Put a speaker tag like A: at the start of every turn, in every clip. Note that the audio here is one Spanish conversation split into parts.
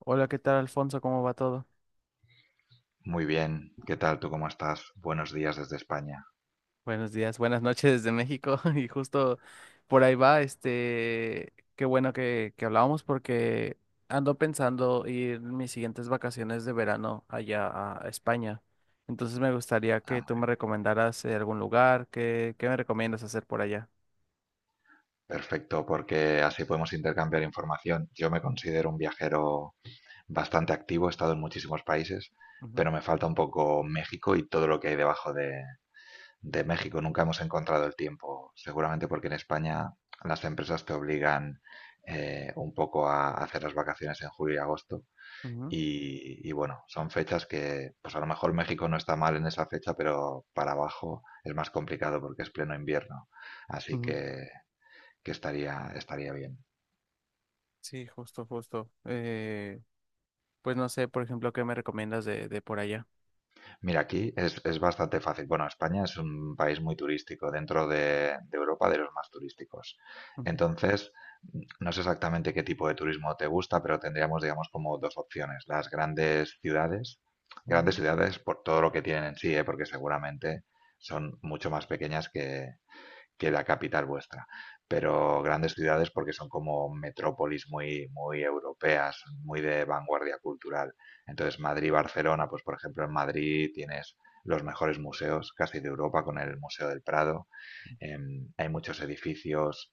A: Hola, ¿qué tal, Alfonso? ¿Cómo va todo?
B: Muy bien, ¿qué tal? ¿Tú cómo estás? Buenos días desde España.
A: Buenos días, buenas noches desde México. Y justo por ahí va, qué bueno que hablábamos porque ando pensando ir mis siguientes vacaciones de verano allá a España. Entonces me gustaría
B: Ah,
A: que tú
B: muy
A: me
B: bien.
A: recomendaras algún lugar, qué me recomiendas hacer por allá?
B: Perfecto, porque así podemos intercambiar información. Yo me considero un viajero bastante activo, he estado en muchísimos países,
A: Ujú,
B: pero me falta un poco México y todo lo que hay debajo de México. Nunca hemos encontrado el tiempo, seguramente porque en España las empresas te obligan un poco a hacer las vacaciones en julio y agosto.
A: ujú,
B: Y bueno, son fechas que, pues a lo mejor México no está mal en esa fecha, pero para abajo es más complicado porque es pleno invierno. Así
A: ujú.
B: que estaría bien.
A: Sí, justo, justo. Pues no sé, por ejemplo, ¿qué me recomiendas de por allá?
B: Mira, aquí es bastante fácil. Bueno, España es un país muy turístico, dentro de Europa, de los más turísticos.
A: Ujú,
B: Entonces, no sé exactamente qué tipo de turismo te gusta, pero tendríamos, digamos, como dos opciones. Las grandes ciudades por todo lo que tienen en sí, ¿eh? Porque seguramente son mucho más pequeñas que la capital vuestra. Pero grandes ciudades porque son como metrópolis muy, muy europeas, muy de vanguardia cultural. Entonces, Madrid y Barcelona. Pues por ejemplo, en Madrid tienes los mejores museos casi de Europa, con el Museo del Prado. Hay muchos edificios,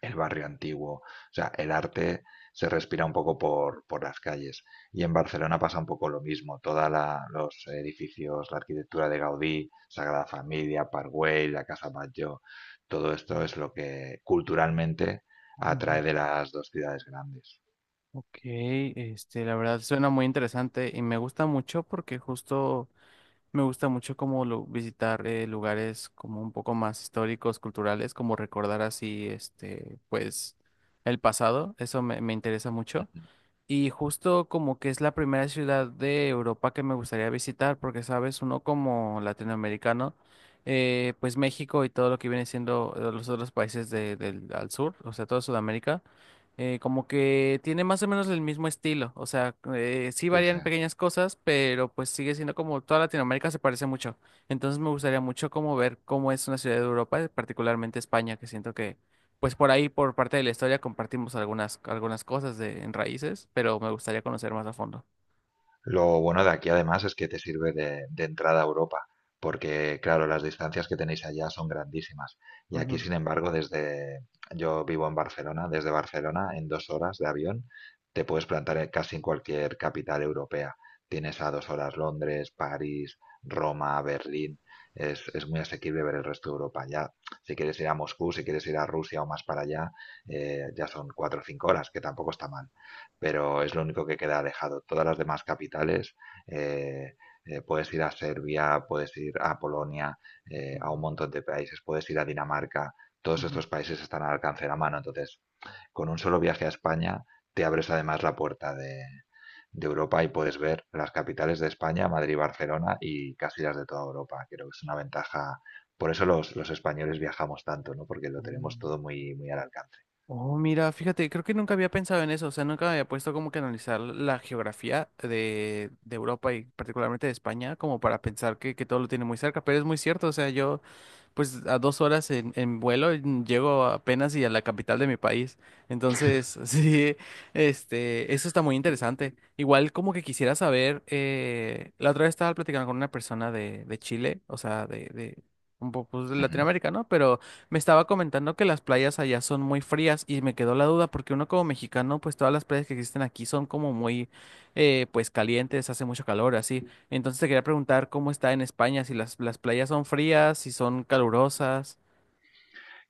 B: el barrio antiguo, o sea, el arte se respira un poco por las calles. Y en Barcelona pasa un poco lo mismo, los edificios, la arquitectura de Gaudí, Sagrada Familia, Park Güell, la Casa Batlló, todo esto es lo que culturalmente
A: ujú.
B: atrae de las dos ciudades grandes.
A: Ok, la verdad suena muy interesante y me gusta mucho porque justo me gusta mucho como visitar lugares como un poco más históricos, culturales, como recordar así, este, pues, el pasado, eso me interesa mucho.
B: Ujú.
A: Y justo como que es la primera ciudad de Europa que me gustaría visitar, porque sabes, uno como latinoamericano, pues México y todo lo que viene siendo los otros países del al sur, o sea, toda Sudamérica, como que tiene más o menos el mismo estilo, o sea, sí
B: Sí, sí.
A: varían pequeñas cosas, pero pues sigue siendo como toda Latinoamérica se parece mucho. Entonces me gustaría mucho como ver cómo es una ciudad de Europa, particularmente España, que siento pues por ahí, por parte de la historia, compartimos algunas, algunas cosas de, en raíces, pero me gustaría conocer más a fondo.
B: Lo bueno de aquí, además, es que te sirve de entrada a Europa, porque claro, las distancias que tenéis allá son grandísimas. Y aquí,
A: Ujú,
B: sin embargo, desde yo vivo en Barcelona. Desde Barcelona, en 2 horas de avión, te puedes plantar casi en cualquier capital europea. Tienes a 2 horas Londres, París, Roma, Berlín. Es muy asequible ver el resto de Europa. Ya, si quieres ir a Moscú, si quieres ir a Rusia o más para allá, ya son 4 o 5 horas, que tampoco está mal, pero es lo único que queda alejado. Todas las demás capitales, eh, puedes ir a Serbia, puedes ir a Polonia, a
A: ujú,
B: un montón de países, puedes ir a Dinamarca, todos estos países están al alcance de la mano. Entonces, con un solo viaje a España, te abres además la puerta de Europa, y puedes ver las capitales de España, Madrid, Barcelona, y casi las de toda Europa. Creo que es una ventaja. Por eso los españoles viajamos tanto, ¿no? Porque lo
A: ujú.
B: tenemos
A: Mm.
B: todo muy, muy al alcance.
A: Oh, mira, fíjate, creo que nunca había pensado en eso, o sea, nunca me había puesto como que analizar la geografía de Europa y particularmente de España, como para pensar que todo lo tiene muy cerca, pero es muy cierto, o sea, yo pues a dos horas en vuelo llego apenas y a la capital de mi país. Entonces, sí, este, eso está muy interesante. Igual como que quisiera saber, la otra vez estaba platicando con una persona de Chile, o sea, de un poco pues, de
B: Ujú.
A: Latinoamérica, ¿no? Pero me estaba comentando que las playas allá son muy frías y me quedó la duda porque uno como mexicano, pues todas las playas que existen aquí son como muy, pues calientes, hace mucho calor, así. Entonces te quería preguntar cómo está en España, si las, las playas son frías, si son calurosas.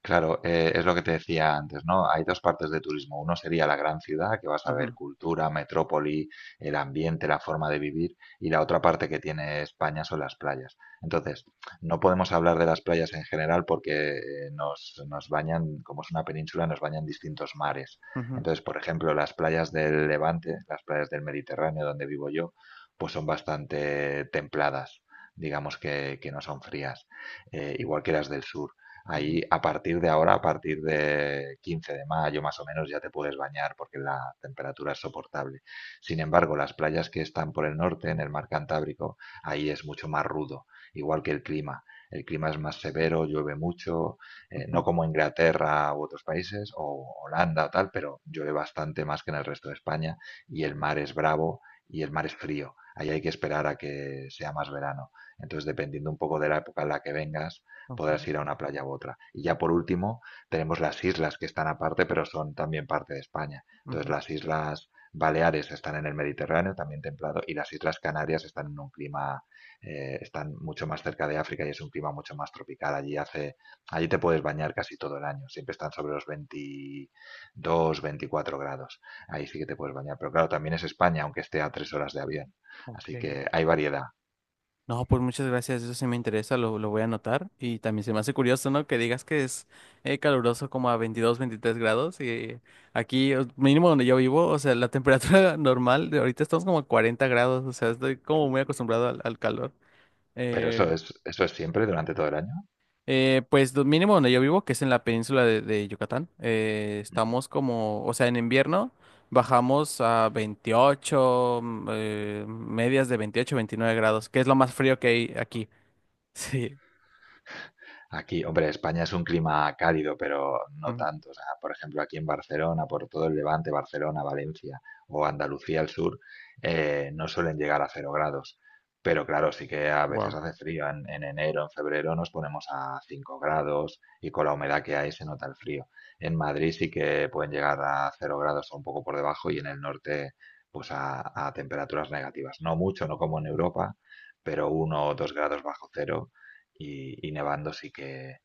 B: Claro, es lo que te decía antes, ¿no? Hay dos partes de turismo. Uno sería la gran ciudad, que vas a ver
A: Ujú,
B: cultura, metrópoli, el ambiente, la forma de vivir, y la otra parte que tiene España son las playas. Entonces, no podemos hablar de las playas en general, porque nos bañan, como es una península, nos bañan distintos mares.
A: ujú,
B: Entonces, por ejemplo, las playas del Levante, las playas del Mediterráneo, donde vivo yo, pues son bastante templadas, digamos que no son frías, igual que las del sur,
A: ujú,
B: ahí a partir de ahora, a partir de 15 de mayo más o menos, ya te puedes bañar porque la temperatura es soportable. Sin embargo, las playas que están por el norte, en el mar Cantábrico, ahí es mucho más rudo, igual que el clima. El clima es más severo, llueve mucho, no
A: ujú,
B: como Inglaterra u otros países, o Holanda o tal, pero llueve bastante más que en el resto de España, y el mar es bravo y el mar es frío. Ahí hay que esperar a que sea más verano. Entonces, dependiendo un poco de la época en la que vengas,
A: ok,
B: podrás ir a una playa u otra. Y ya por último, tenemos las islas, que están aparte, pero son también parte de España. Entonces,
A: ujú,
B: las islas Baleares están en el Mediterráneo, también templado, y las islas Canarias están en un clima, están mucho más cerca de África y es un clima mucho más tropical. Allí te puedes bañar casi todo el año, siempre están sobre los 22, 24 grados. Ahí sí que te puedes bañar, pero claro, también es España, aunque esté a 3 horas de avión.
A: ok.
B: Así que hay variedad.
A: No, pues muchas gracias, eso sí me interesa, lo voy a anotar. Y también se me hace curioso, ¿no? Que digas que es caluroso como a 22 23 grados. Y aquí, mínimo donde yo vivo, o sea, la temperatura normal, de ahorita estamos como a 40 grados, o sea, estoy como muy acostumbrado al calor.
B: Pero
A: Eh,
B: eso es siempre durante todo el año.
A: Pues lo mínimo donde yo vivo, que es en la península de Yucatán, estamos como, o sea, en invierno bajamos a 28, medias de 28, 29 grados, que es lo más frío que hay aquí. Sí.
B: Aquí, hombre, España es un clima cálido, pero no
A: Mm.
B: tanto. O sea, por ejemplo, aquí en Barcelona, por todo el Levante, Barcelona, Valencia o Andalucía al sur, no suelen llegar a 0 grados. Pero claro, sí que a veces
A: Wow,
B: hace frío. En enero, en febrero nos ponemos a 5 grados y con la humedad que hay se nota el frío. En Madrid sí que pueden llegar a 0 grados o un poco por debajo, y en el norte, pues a temperaturas negativas. No mucho, no como en Europa, pero 1 o 2 grados bajo cero y nevando sí que,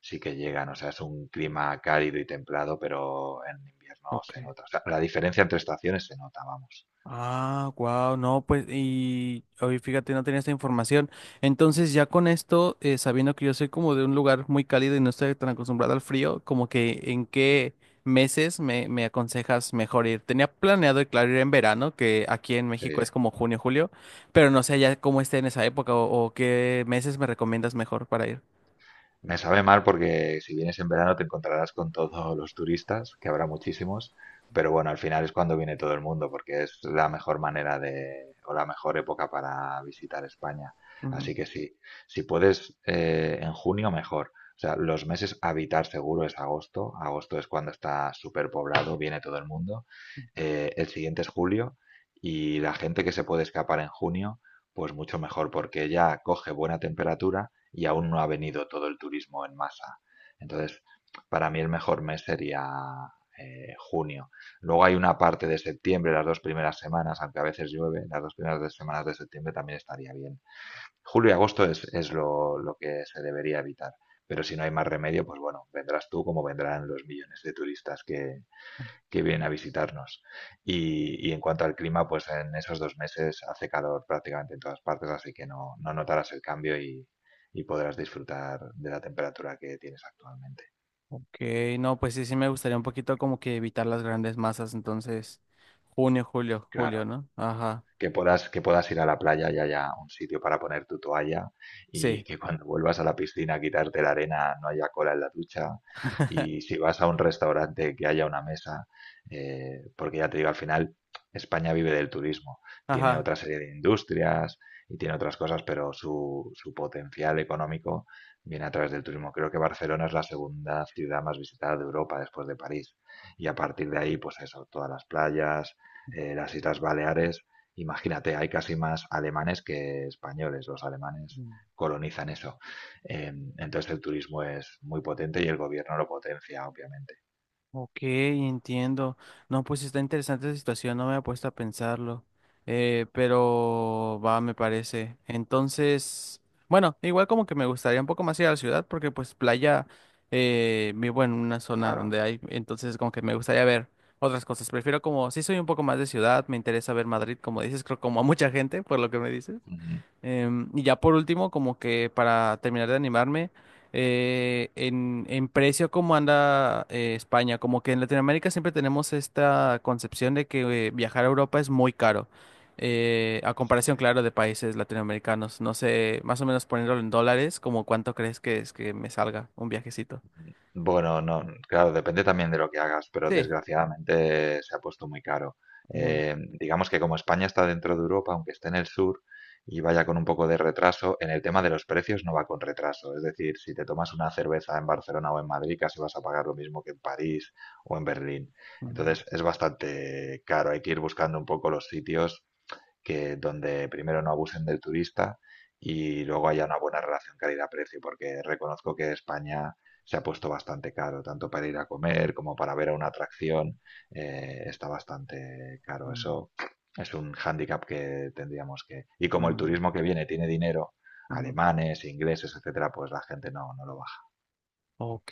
B: sí que llegan. O sea, es un clima cálido y templado, pero en invierno
A: ok.
B: se nota. O sea, la diferencia entre estaciones se nota, vamos.
A: Ah, wow, no, pues, y hoy fíjate, no tenía esta información. Entonces, ya con esto, sabiendo que yo soy como de un lugar muy cálido y no estoy tan acostumbrado al frío, como que en qué meses me aconsejas mejor ir. Tenía planeado, claro, ir en verano, que aquí en
B: Sí.
A: México es como junio, julio, pero no sé ya cómo esté en esa época o qué meses me recomiendas mejor para ir.
B: Me sabe mal porque si vienes en verano te encontrarás con todos los turistas, que habrá muchísimos, pero bueno, al final es cuando viene todo el mundo, porque es la mejor manera de, o la mejor época para visitar España.
A: Ujú.
B: Así que sí, si puedes en junio, mejor. O sea, los meses a evitar seguro es agosto. Agosto es cuando está súper poblado, viene todo el mundo. El siguiente es julio, y la gente que se puede escapar en junio, pues mucho mejor, porque ya coge buena temperatura y aún no ha venido todo el turismo en masa. Entonces, para mí el mejor mes sería junio. Luego hay una parte de septiembre, las dos primeras semanas, aunque a veces llueve, las dos primeras semanas de septiembre también estaría bien. Julio y agosto es lo que se debería evitar. Pero si no hay más remedio, pues bueno, vendrás tú como vendrán los millones de turistas que vienen a visitarnos. Y en cuanto al clima, pues en esos 2 meses hace calor prácticamente en todas partes, así que no notarás el cambio y podrás disfrutar de la temperatura que tienes actualmente.
A: Ok, no, pues sí, sí me gustaría un poquito como que evitar las grandes masas, entonces, junio, julio, julio,
B: Claro.
A: ¿no? Ajá,
B: Que puedas ir a la playa y haya un sitio para poner tu toalla, y
A: sí.
B: que cuando vuelvas a la piscina a quitarte la arena no haya cola en la ducha, y si vas a un restaurante que haya una mesa, porque ya te digo, al final España vive del turismo, tiene
A: Ajá.
B: otra serie de industrias y tiene otras cosas, pero su potencial económico viene a través del turismo. Creo que Barcelona es la segunda ciudad más visitada de Europa después de París. Y a partir de ahí, pues eso, todas las playas, las Islas Baleares. Imagínate, hay casi más alemanes que españoles. Los alemanes
A: Mm.
B: colonizan eso. Eh, entonces el turismo es muy potente y el gobierno lo potencia, obviamente.
A: Ok, entiendo. No, pues está interesante la situación, no me he puesto a pensarlo. Pero va, me parece. Entonces, bueno, igual como que me gustaría un poco más ir a la ciudad porque pues playa vivo en una zona
B: Claro.
A: donde hay, entonces como que me gustaría ver otras cosas. Prefiero como, sí soy un poco más de ciudad, me interesa ver Madrid, como dices, creo como a mucha gente, por lo que me dices.
B: Ujú.
A: Em, y ya por último, como que para terminar de animarme, en precio, ¿cómo anda España? Como que en Latinoamérica siempre tenemos esta concepción de que viajar a Europa es muy caro, a comparación, claro, de países latinoamericanos. No sé, más o menos poniéndolo en dólares, ¿como cuánto crees que es que me salga un viajecito?
B: Bueno, no, claro, depende también de lo que hagas, pero
A: Sí.
B: desgraciadamente se ha puesto muy caro.
A: Ujú,
B: Digamos que como España está dentro de Europa, aunque esté en el sur y vaya con un poco de retraso, en el tema de los precios no va con retraso. Es decir, si te tomas una cerveza en Barcelona o en Madrid, casi vas a pagar lo mismo que en París o en Berlín.
A: ujú,
B: Entonces es bastante caro, hay que ir buscando un poco los sitios que donde primero no abusen del turista, y luego haya una buena relación calidad-precio, porque reconozco que España se ha puesto bastante caro, tanto para ir a comer como para ver a una atracción, está bastante caro.
A: ujú,
B: Eso es un hándicap que tendríamos que... Y como el turismo que viene tiene dinero,
A: ujú, ujú.
B: alemanes, ingleses, etcétera, pues la gente no lo baja.
A: Ok,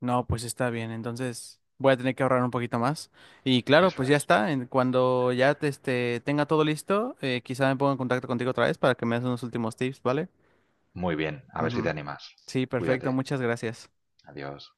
A: no, pues está bien, entonces voy a tener que ahorrar un poquito más. Y claro,
B: Eso
A: pues ya
B: es.
A: está, cuando ya te, este, tenga todo listo, quizá me ponga en contacto contigo otra vez para que me des unos últimos tips, ¿vale?
B: Muy bien, a ver si te
A: Ujú.
B: animas.
A: Sí, perfecto,
B: Cuídate.
A: muchas gracias.
B: Adiós.